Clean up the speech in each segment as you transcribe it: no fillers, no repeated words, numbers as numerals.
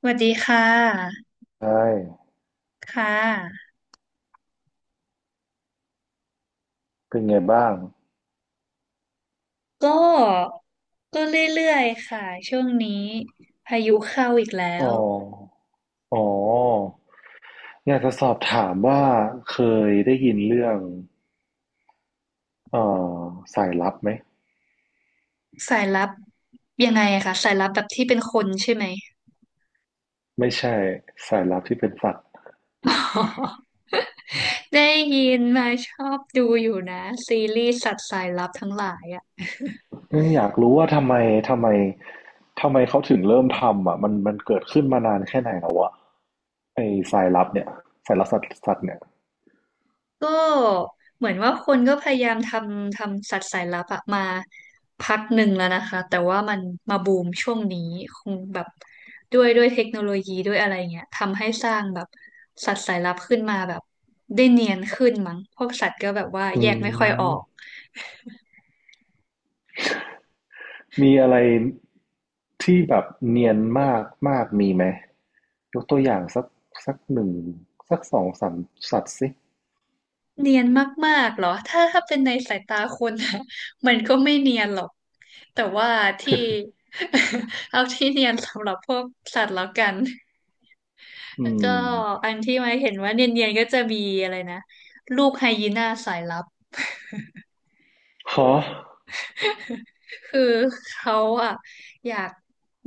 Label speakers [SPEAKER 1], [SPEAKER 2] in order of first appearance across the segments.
[SPEAKER 1] สวัสดีค่ะ
[SPEAKER 2] ใช่
[SPEAKER 1] ค่ะ
[SPEAKER 2] เป็นไงบ้าง
[SPEAKER 1] ก็ก็เรื่อยๆค่ะ ช่วงนี้พายุเข้าอีกแล้
[SPEAKER 2] อ๋อ
[SPEAKER 1] ว
[SPEAKER 2] อ๋ออยากจะสอบถามว่าเคยได้ยินเรื่องเอ่อสายลับไหม
[SPEAKER 1] สายลับยังไงอะคะสายลับแบบที่เป็นคนใช่ไหม
[SPEAKER 2] ไม่ใช่สายลับที่เป็นสัตว์
[SPEAKER 1] ออ ได้ยินมาชอบดูอยู่นะซีรีส์สัตว์สายลับทั้งหลายอะ
[SPEAKER 2] เอ้ยอยากรู้ว่าทำไมทำไมเขาถึงเริ่มทำอ่ะมันมันเกิดขึ้นมานานแค่ไหนแล้วอ่ะไอ้สายลับเนี่ยสายลับสัตว์เนี่ย
[SPEAKER 1] ก็เหมือนว่าคนก็พยายามทำสัตว์สายลับอะมาพักหนึ่งแล้วนะคะแต่ว่ามันมาบูมช่วงนี้คงแบบด้วยเทคโนโลยีด้วยอะไรเงี้ยทำให้สร้างแบบสัตว์สายลับขึ้นมาแบบได้เนียนขึ้นมั้งพวกสัตว์ก็แบบว่า
[SPEAKER 2] อื
[SPEAKER 1] แยกไม่ค่อยออก
[SPEAKER 2] ม มีอะไรที่แบบเนียนมากมากมีไหมยกตัวอย่างสักสักหนึ่งสักสองสามสัตว์สิ
[SPEAKER 1] เนียนมากๆเหรอถ้าเป็นในสายตาคนนะ มันก็ไม่เนียนหรอกแต่ว่าที่ เอาที่เนียนสำหรับพวกสัตว์แล้วกัน
[SPEAKER 2] อื
[SPEAKER 1] ก็
[SPEAKER 2] ม
[SPEAKER 1] อันที่ไม่เห็นว่าเนียนๆก็จะมีอะไรนะลูกไฮยีน่าสายลับ
[SPEAKER 2] ฮะ
[SPEAKER 1] คือเขาอ่ะอยาก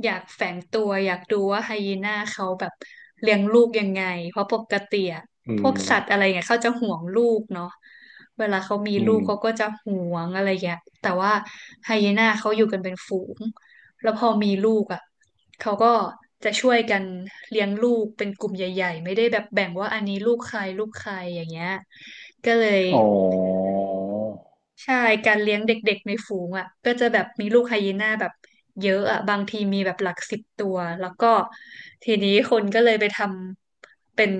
[SPEAKER 1] อยากแฝงตัวอยากดูว่าไฮยีน่าเขาแบบเลี้ยงลูกยังไงเพราะปกติอ่ะ
[SPEAKER 2] อื
[SPEAKER 1] พวก
[SPEAKER 2] ม
[SPEAKER 1] สัตว์อะไรเงี้ยเขาจะห่วงลูกเนาะเวลาเขามี
[SPEAKER 2] อื
[SPEAKER 1] ลู
[SPEAKER 2] ม
[SPEAKER 1] กเขาก็จะห่วงอะไรเงี้ยแต่ว่าไฮยีน่าเขาอยู่กันเป็นฝูงแล้วพอมีลูกอ่ะเขาก็จะช่วยกันเลี้ยงลูกเป็นกลุ่มใหญ่ๆไม่ได้แบบแบ่งว่าอันนี้ลูกใครลูกใครอย่างเงี้ยก็เลย
[SPEAKER 2] อ๋อ
[SPEAKER 1] ใช่การเลี้ยงเด็กๆในฝูงอ่ะก็จะแบบมีลูกไฮยีน่าแบบเยอะอ่ะบางทีมีแบบหลักสิบตัว แล้วก็ทีนี้คนก็เลยไปทำเป็น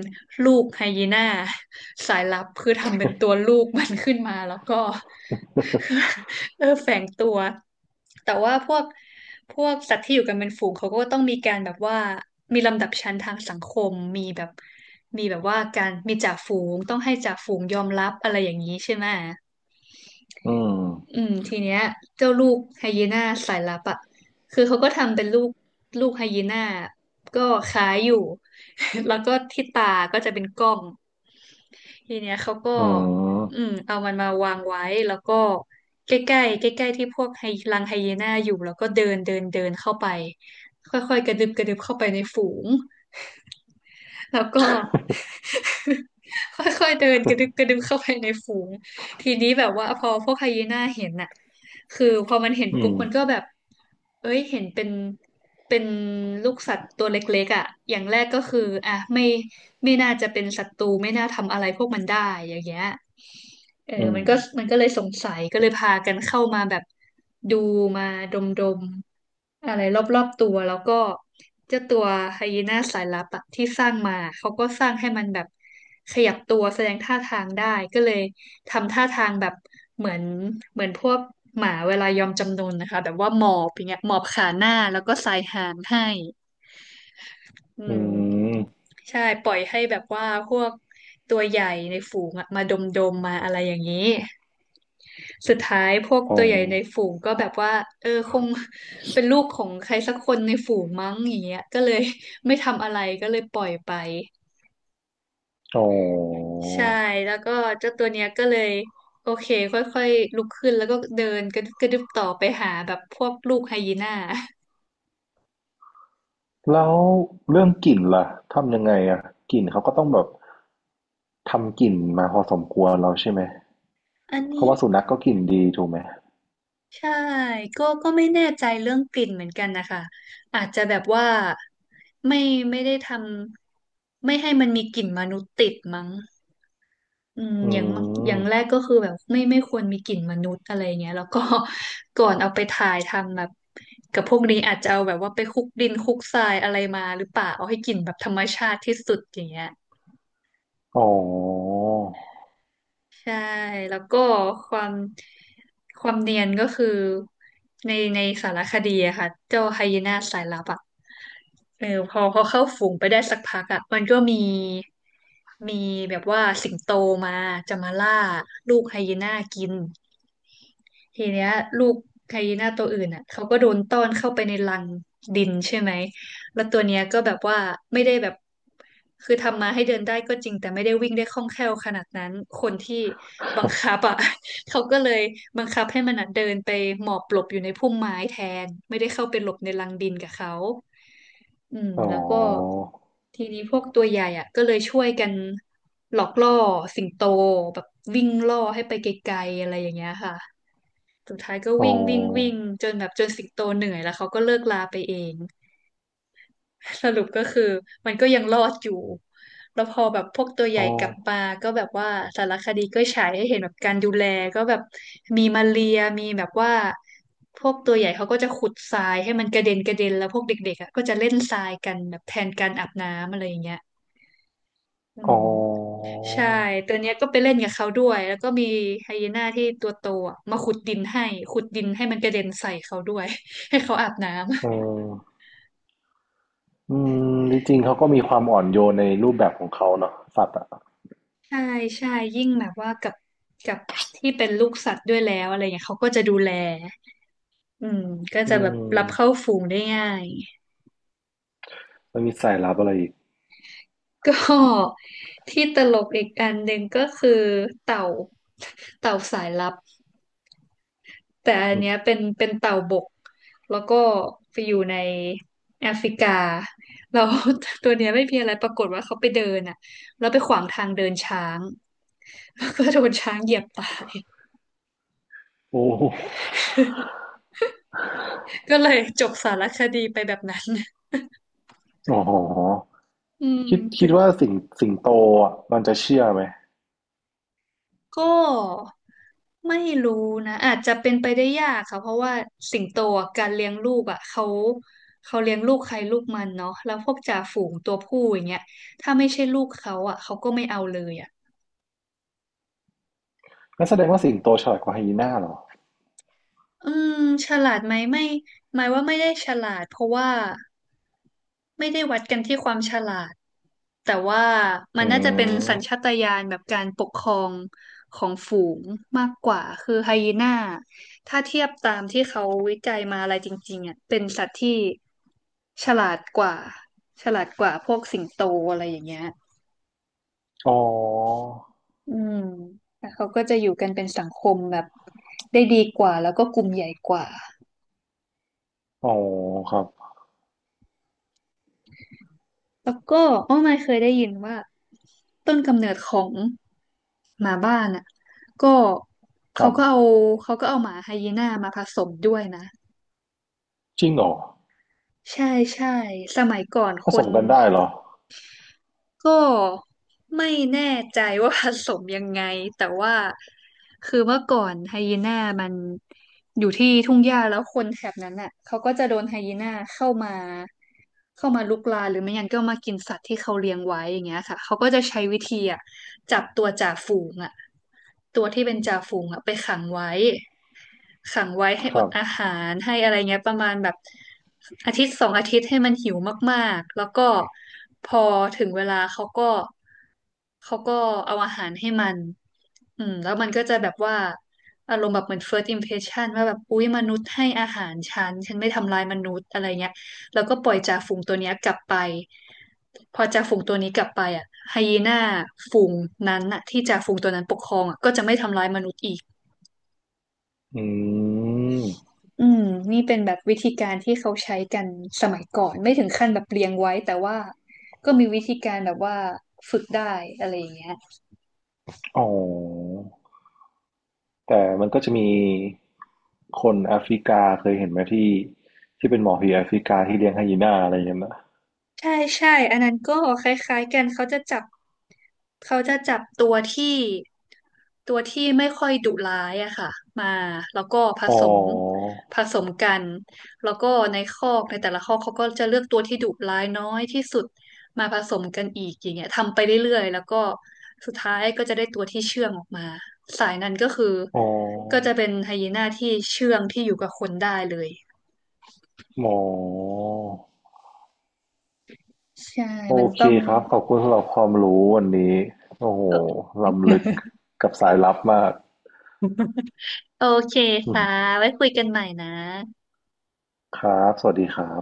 [SPEAKER 1] ลูกไฮยีน่าสายลับคือทำเป็นตัวลูกมันขึ้นมาแล้วก็ เออแฝงตัว แต่ว่าพวกสัตว์ที่อยู่กันเป็นฝูงเขาก็ต้องมีการแบบว่ามีลำดับชั้นทางสังคมมีแบบมีแบบว่าการมีจ่าฝูงต้องให้จ่าฝูงยอมรับอะไรอย่างนี้ใช่ไหม
[SPEAKER 2] อื
[SPEAKER 1] อื
[SPEAKER 2] ม
[SPEAKER 1] มทีเนี้ยเจ้าลูกไฮยีน่าสายลับอ่ะคือเขาก็ทำเป็นลูกไฮยีน่าก็คล้ายอยู่ แล้วก็ที่ตาก็จะเป็นกล้องทีเนี้ยเขาก็
[SPEAKER 2] อืม
[SPEAKER 1] อืมเอามันมาวางไว้แล้วก็ใกล้ๆใกล้ๆที่พวกไฮรังไฮยีน่าอยู่แล้วก็เดินเดินเดินเข้าไปค่อยๆกระดึบกระดึบเข้าไปในฝูงแล้วก็ ค่อยๆเดินกระดึบกระดึบเข้าไปในฝูง ทีนี้แบบว่าพอพวกไฮยีน่าเห็นน่ะคือพอมันเห็น
[SPEAKER 2] อื
[SPEAKER 1] ปุ๊บ
[SPEAKER 2] ม
[SPEAKER 1] มันก็แบบเอ้ยเห็นเป็นลูกสัตว์ตัวเล็กๆอ่ะอย่างแรกก็คืออ่ะไม่น่าจะเป็นศัตรูไม่น่าทำอะไรพวกมันได้อย่างเงี้ยเออ
[SPEAKER 2] อืม
[SPEAKER 1] มันก็เลยสงสัยก็เลยพากันเข้ามาแบบดูมาดมๆอะไรรอบๆตัวแล้วก็เจ้าตัวไฮยีน่าสายลับอะที่สร้างมา เขาก็สร้างให้มันแบบขยับตัวแสดงท่าทางได้ก็เลย ทำท่าทางแบบเหมือนเหมือนพวกหมาเวลายอมจำนนนะคะแบบว่าหมอบอย่างเงี้ยหมอบขาหน้าแล้วก็สายหางให้อื
[SPEAKER 2] อื
[SPEAKER 1] ม
[SPEAKER 2] ม
[SPEAKER 1] ใช่ปล่อยให้แบบว่าพวกตัวใหญ่ในฝูงอะมาดมดมมาอะไรอย่างนี้สุดท้ายพวก
[SPEAKER 2] อ๋อ
[SPEAKER 1] ตัวใหญ่ในฝูงก็แบบว่าเออคงเป็นลูกของใครสักคนในฝูงมั้งอย่างเงี้ยก็เลยไม่ทำอะไรก็เลยปล่อยไป
[SPEAKER 2] อ๋อ
[SPEAKER 1] ใช่แล้วก็เจ้าตัวเนี้ยก็เลยโอเคค่อยๆลุกขึ้นแล้วก็เดินกระดึบกระดึบต่อไปหาแบบพวกลูกไฮยีน่า
[SPEAKER 2] แล้วเรื่องกลิ่นล่ะทำยังไงอะกลิ่นเขาก็ต้องแบบทำกลิ่นมาพอสมควรแล้วใช่ไหม
[SPEAKER 1] อัน
[SPEAKER 2] เพ
[SPEAKER 1] นี้
[SPEAKER 2] ราะว่าสุนัขก็กลิ่นดีถูกไหม
[SPEAKER 1] ใช่ก็ไม่แน่ใจเรื่องกลิ่นเหมือนกันนะคะอาจจะแบบว่าไม่ไม่ได้ทำไม่ให้มันมีกลิ่นมนุษย์ติดมั้ง อืม
[SPEAKER 2] อื
[SPEAKER 1] อย่างมากอย่างแรก
[SPEAKER 2] ม
[SPEAKER 1] ก็คือแบบไม่ควรมีกลิ่นมนุษย์อะไรเงี้ยแล้วก็ ก่อนเอาไปถ่ายทำแบบกับพวกนี้อาจจะเอาแบบว่าไปคลุกดินคลุกทรายอะไรมาหรือเปล่าเอาให้กลิ่นแบบธรรมชาติที่สุดอย่างเงี้ย
[SPEAKER 2] อ๋อ
[SPEAKER 1] ใช่แล้วก็ความความเนียนก็คือในสารคดีอะค่ะเจ้าไฮยีน่าสายลับอะเออพอเข้าฝูงไปได้สักพักอะมันก็มีแบบว่าสิงโตมาจะมาล่าลูกไฮยีน่ากินทีเนี้ยลูกไฮยีน่าตัวอื่นอะเขาก็โดนต้อนเข้าไปในรังดินใช่ไหม แล้วตัวเนี้ยก็แบบว่าไม่ได้แบบคือทำมาให้เดินได้ก็จริงแต่ไม่ได้วิ่งได้คล่องแคล่วขนาดนั้นคนที่บังคับอ่ะ เขาก็เลยบังคับให้มันอะเดินไปหมอบหลบอยู่ในพุ่มไม้แทนไม่ได้เข้าไปหลบในรังดินกับเขาอืม
[SPEAKER 2] อ๋
[SPEAKER 1] แล้วก็
[SPEAKER 2] อ
[SPEAKER 1] ทีนี้พวกตัวใหญ่อ่ะก็เลยช่วยกันหลอกล่อสิงโตแบบวิ่งล่อให้ไปไกลๆอะไรอย่างเงี้ยค่ะสุดท้ายก็
[SPEAKER 2] อ๋อ
[SPEAKER 1] วิ่งวิ่งวิ่งจนแบบจนสิงโตเหนื่อยแล้วเขาก็เลิกลาไปเอง สรุปก็คือมันก็ยังรอดอยู่ แล้วพอแบบพวกตัวให
[SPEAKER 2] อ๋
[SPEAKER 1] ญ่
[SPEAKER 2] อ
[SPEAKER 1] กลับมาก็แบบว่าสารคดีก็ฉายให้เห็นแบบการดูแลก็แบบมีมาเรียมีแบบว่าพวกตัวใหญ่เขาก็จะขุดทรายให้มันกระเด็นกระเด็นแล้วพวกเด็กๆอ่ะก็จะเล่นทรายกันแบบแทนการอาบน้ำอะไรอย่างเงี้ยอื
[SPEAKER 2] อ๋อ
[SPEAKER 1] มใช่ตัวเนี้ยก็ไปเล่นกับเขาด้วยแล้วก็มีไฮยีน่าที่ตัวโตอะมาขุดดินให้ขุดดินให้มันกระเด็นใส่เขาด้วย ให้เขาอาบน้
[SPEAKER 2] เอ
[SPEAKER 1] ำ
[SPEAKER 2] ออืมจริงๆเขาก็มีความอ่อนโยนในรูปแบบของเขาเนาะสัตว์อ่ะ
[SPEAKER 1] ใช่ใช่ยิ่งแบบว่ากับที่เป็นลูกสัตว์ด้วยแล้วอะไรเงี้ยเขาก็จะดูแลอืมก็
[SPEAKER 2] อื
[SPEAKER 1] จะแบบรับเข้า
[SPEAKER 2] ม
[SPEAKER 1] ฝูงได้ง่าย
[SPEAKER 2] แล้วมีสายลับอะไรอีก
[SPEAKER 1] ก็ที่ตลกอีกอันหนึ่งก็คือเต่าเต่าสายลับแต่อัน
[SPEAKER 2] อืม
[SPEAKER 1] เนี้ยเป็นเต่าบกแล้วก็ไปอยู่ในแอฟริกาเรา ตัวเนี้ยไม่มีอะไรปรากฏว่าเขาไปเดินอ่ะแล้วไปขวางทางเดินช้างแล้วก็โดนช้างเหยียบตาย
[SPEAKER 2] โอ้
[SPEAKER 1] ก็เลยจบสารคดีไปแบบนั้น
[SPEAKER 2] อ๋อ
[SPEAKER 1] อืม
[SPEAKER 2] คิดว่าสิงโตอ่ะมันจะเชื่อไหม
[SPEAKER 1] ก็ไม่รู้นะอาจจะเป็นไปได้ยากค่ะเพราะว่าสิงโตอะการเลี้ยงลูกอ่ะเขาเขาเลี้ยงลูกใครลูกมันเนาะแล้วพวกจ่าฝูงตัวผู้อย่างเงี้ยถ้าไม่ใช่ลูกเขาอ่ะเขาก็ไม่เอาเลยอ่ะ
[SPEAKER 2] งั้นแสดงว่าสิงโตฉลาดกว่าไฮยีน่าเหรอ
[SPEAKER 1] อืมฉลาดไหมไม่หมายว่าไม่ได้ฉลาดเพราะว่าไม่ได้วัดกันที่ความฉลาดแต่ว่ามั
[SPEAKER 2] อื
[SPEAKER 1] นน่าจะเป็นสัญชา
[SPEAKER 2] ม
[SPEAKER 1] ตญาณแบบการปกครองของฝูงมากกว่าคือไฮยีน่าถ้าเทียบตามที่เขาวิจัยมาอะไรจริงๆอ่ะเป็นสัตว์ที่ฉลาดกว่าฉลาดกว่าพวกสิงโตอะไรอย่างเงี้ย
[SPEAKER 2] อ๋อ
[SPEAKER 1] อืมแล้วเขาก็จะอยู่กันเป็นสังคมแบบได้ดีกว่าแล้วก็กลุ่มใหญ่กว่า
[SPEAKER 2] อ๋อครับ
[SPEAKER 1] แล้วก็อ้อไม่เคยได้ยินว่าต้นกำเนิดของหมาบ้านอ่ะก็
[SPEAKER 2] ค
[SPEAKER 1] เขา
[SPEAKER 2] รั
[SPEAKER 1] ก็
[SPEAKER 2] บ
[SPEAKER 1] เอาเขาก็เอาหมาไฮยีน่ามาผสมด้วยนะ
[SPEAKER 2] จริงเหรอ
[SPEAKER 1] ใช่ใช่สมัยก่อน
[SPEAKER 2] ผ
[SPEAKER 1] ค
[SPEAKER 2] ส
[SPEAKER 1] น
[SPEAKER 2] มกันได้เหรอ
[SPEAKER 1] ก็ไม่แน่ใจว่าผสมยังไง แต่ว่าคือเมื่อก่อนไฮยีน่ามันอยู่ที่ทุ่งหญ้าแล้วคนแถบนั้นน่ะเขาก็จะโดนไฮยีน่าเข้ามาเข้ามาลุกลานหรือไม่งั้นก็มากินสัตว์ที่เขาเลี้ยงไว้อย่างเงี้ยค่ะเขาก็จะใช้วิธีอ่ะจับตัวจ่าฝูงอ่ะตัวที่เป็นจ่าฝูงอ่ะไปขังไว้ ขังไว้ให้
[SPEAKER 2] ค
[SPEAKER 1] อ
[SPEAKER 2] รั
[SPEAKER 1] ด
[SPEAKER 2] บ
[SPEAKER 1] อาหารให้อะไรเงี้ยประมาณแบบอาทิตย์สองอาทิตย์ให้มันหิวมากๆแล้วก็พอถึงเวลาเขาก็เอาอาหารให้มันอืมแล้วมันก็จะแบบว่าอารมณ์แบบเหมือน first impression ว่าแบบอุ๊ยมนุษย์ให้อาหารฉันฉันไม่ทำลายมนุษย์อะไรเงี้ยแล้วก็ปล่อยจ่าฝูงตัวเนี้ยกลับไปพอจ่าฝูงตัวนี้กลับไปอ่ะไฮยีน่าฝูงนั้นน่ะที่จ่าฝูงตัวนั้นปกครองอ่ะก็จะไม่ทำร้ายมนุษย์อีก
[SPEAKER 2] อืม
[SPEAKER 1] อืมนี่เป็นแบบวิธีการที่เขาใช้กันสมัยก่อนไม่ถึงขั้นแบบเรียงไว้แต่ว่าก็มีวิธีการแบบว่าฝึกได้อะไรอย่างเงี้ย
[SPEAKER 2] อ๋อแต่มันก็จะมีคนแอฟริกาเคยเห็นไหมที่ที่เป็นหมอผีแอฟริกาที่เลี้ยงไฮยีน่าอะไรอย่างเงี้ยนะ
[SPEAKER 1] ใช่ใช่ อันนั้นก็คล้ายๆกันเขาจะจับตัวที่ตัวที่ไม่ค่อยดุร้ายอะค่ะมาแล้วก็ผ
[SPEAKER 2] อ๋อ
[SPEAKER 1] สมผสมกันแล้วก็ในคอกในแต่ละคอกเขาก็จะเลือกตัวที่ดุร้ายน้อยที่สุดมาผสมกันอีกอย่างเงี้ยทำไปเรื่อยๆแล้วก็สุดท้ายก็จะได้ตัวที่เชื่องออกมาสายนั้นก็คือ
[SPEAKER 2] อ๋
[SPEAKER 1] ก็จะ
[SPEAKER 2] อ
[SPEAKER 1] เป็นไฮยีน่าที่เชื่องที่อยู่กับคนได้เลย
[SPEAKER 2] หมอ
[SPEAKER 1] ใช่
[SPEAKER 2] โอ
[SPEAKER 1] มัน
[SPEAKER 2] เค
[SPEAKER 1] ต้อง
[SPEAKER 2] ครับขอบคุณสำหรับความรู้วันนี้โอ้โห
[SPEAKER 1] เออ
[SPEAKER 2] ล้ำลึกกับสายลับมาก
[SPEAKER 1] โอเค
[SPEAKER 2] อืม
[SPEAKER 1] ค่ะไว้คุยกันใหม่นะ
[SPEAKER 2] ครับสวัสดีครับ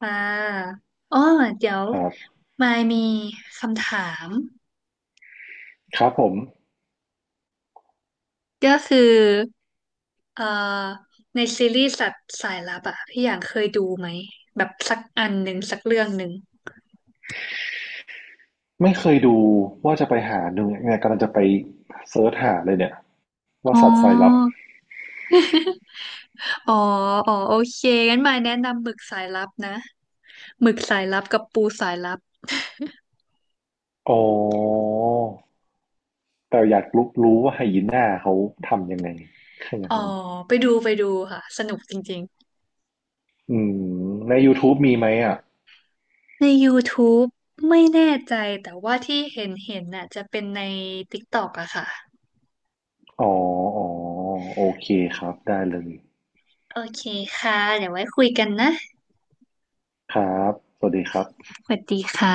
[SPEAKER 1] ค่ะอ๋อเดี๋ยว
[SPEAKER 2] ครับ
[SPEAKER 1] มายมีคำถาม
[SPEAKER 2] ครับผม
[SPEAKER 1] ก็คือเอ่อในซีรีส์สัตว์สายลับอะพี่อย่างเคยดูไหมแบบสักอันหนึ่งสักเรื่องหนึ่ง
[SPEAKER 2] ไม่เคยดูว่าจะไปหาดูเนี่ยกำลังจะไปเซิร์ชหาเลยเนี่ยว่า
[SPEAKER 1] อ๋
[SPEAKER 2] สัตว์สายลับ
[SPEAKER 1] อ อ๋ออ๋อโอเคงั้นมายแนะนำหมึกสายลับนะหมึกสายลับกับปูสายลับ
[SPEAKER 2] อ๋อ แต่อยากรู้ว่าไฮยีน่าเขาทำยังไงแค่นั้
[SPEAKER 1] อ๋
[SPEAKER 2] น
[SPEAKER 1] อ
[SPEAKER 2] เอง
[SPEAKER 1] ไปดูไปดูค่ะสนุกจริงๆ
[SPEAKER 2] อืมใน YouTube มีไหมอ่ะ
[SPEAKER 1] ใน YouTube ไม่แน่ใจแต่ว่าที่เห็นเห็นน่ะจะเป็นใน TikTok อะค่ะ
[SPEAKER 2] อ๋ออ๋อ โอเคครับ ได้เลย
[SPEAKER 1] โอเคค่ะเดี๋ยวไว้คุยกันนะ
[SPEAKER 2] ครับ สวัสดีครับ
[SPEAKER 1] สวัสดีค่ะ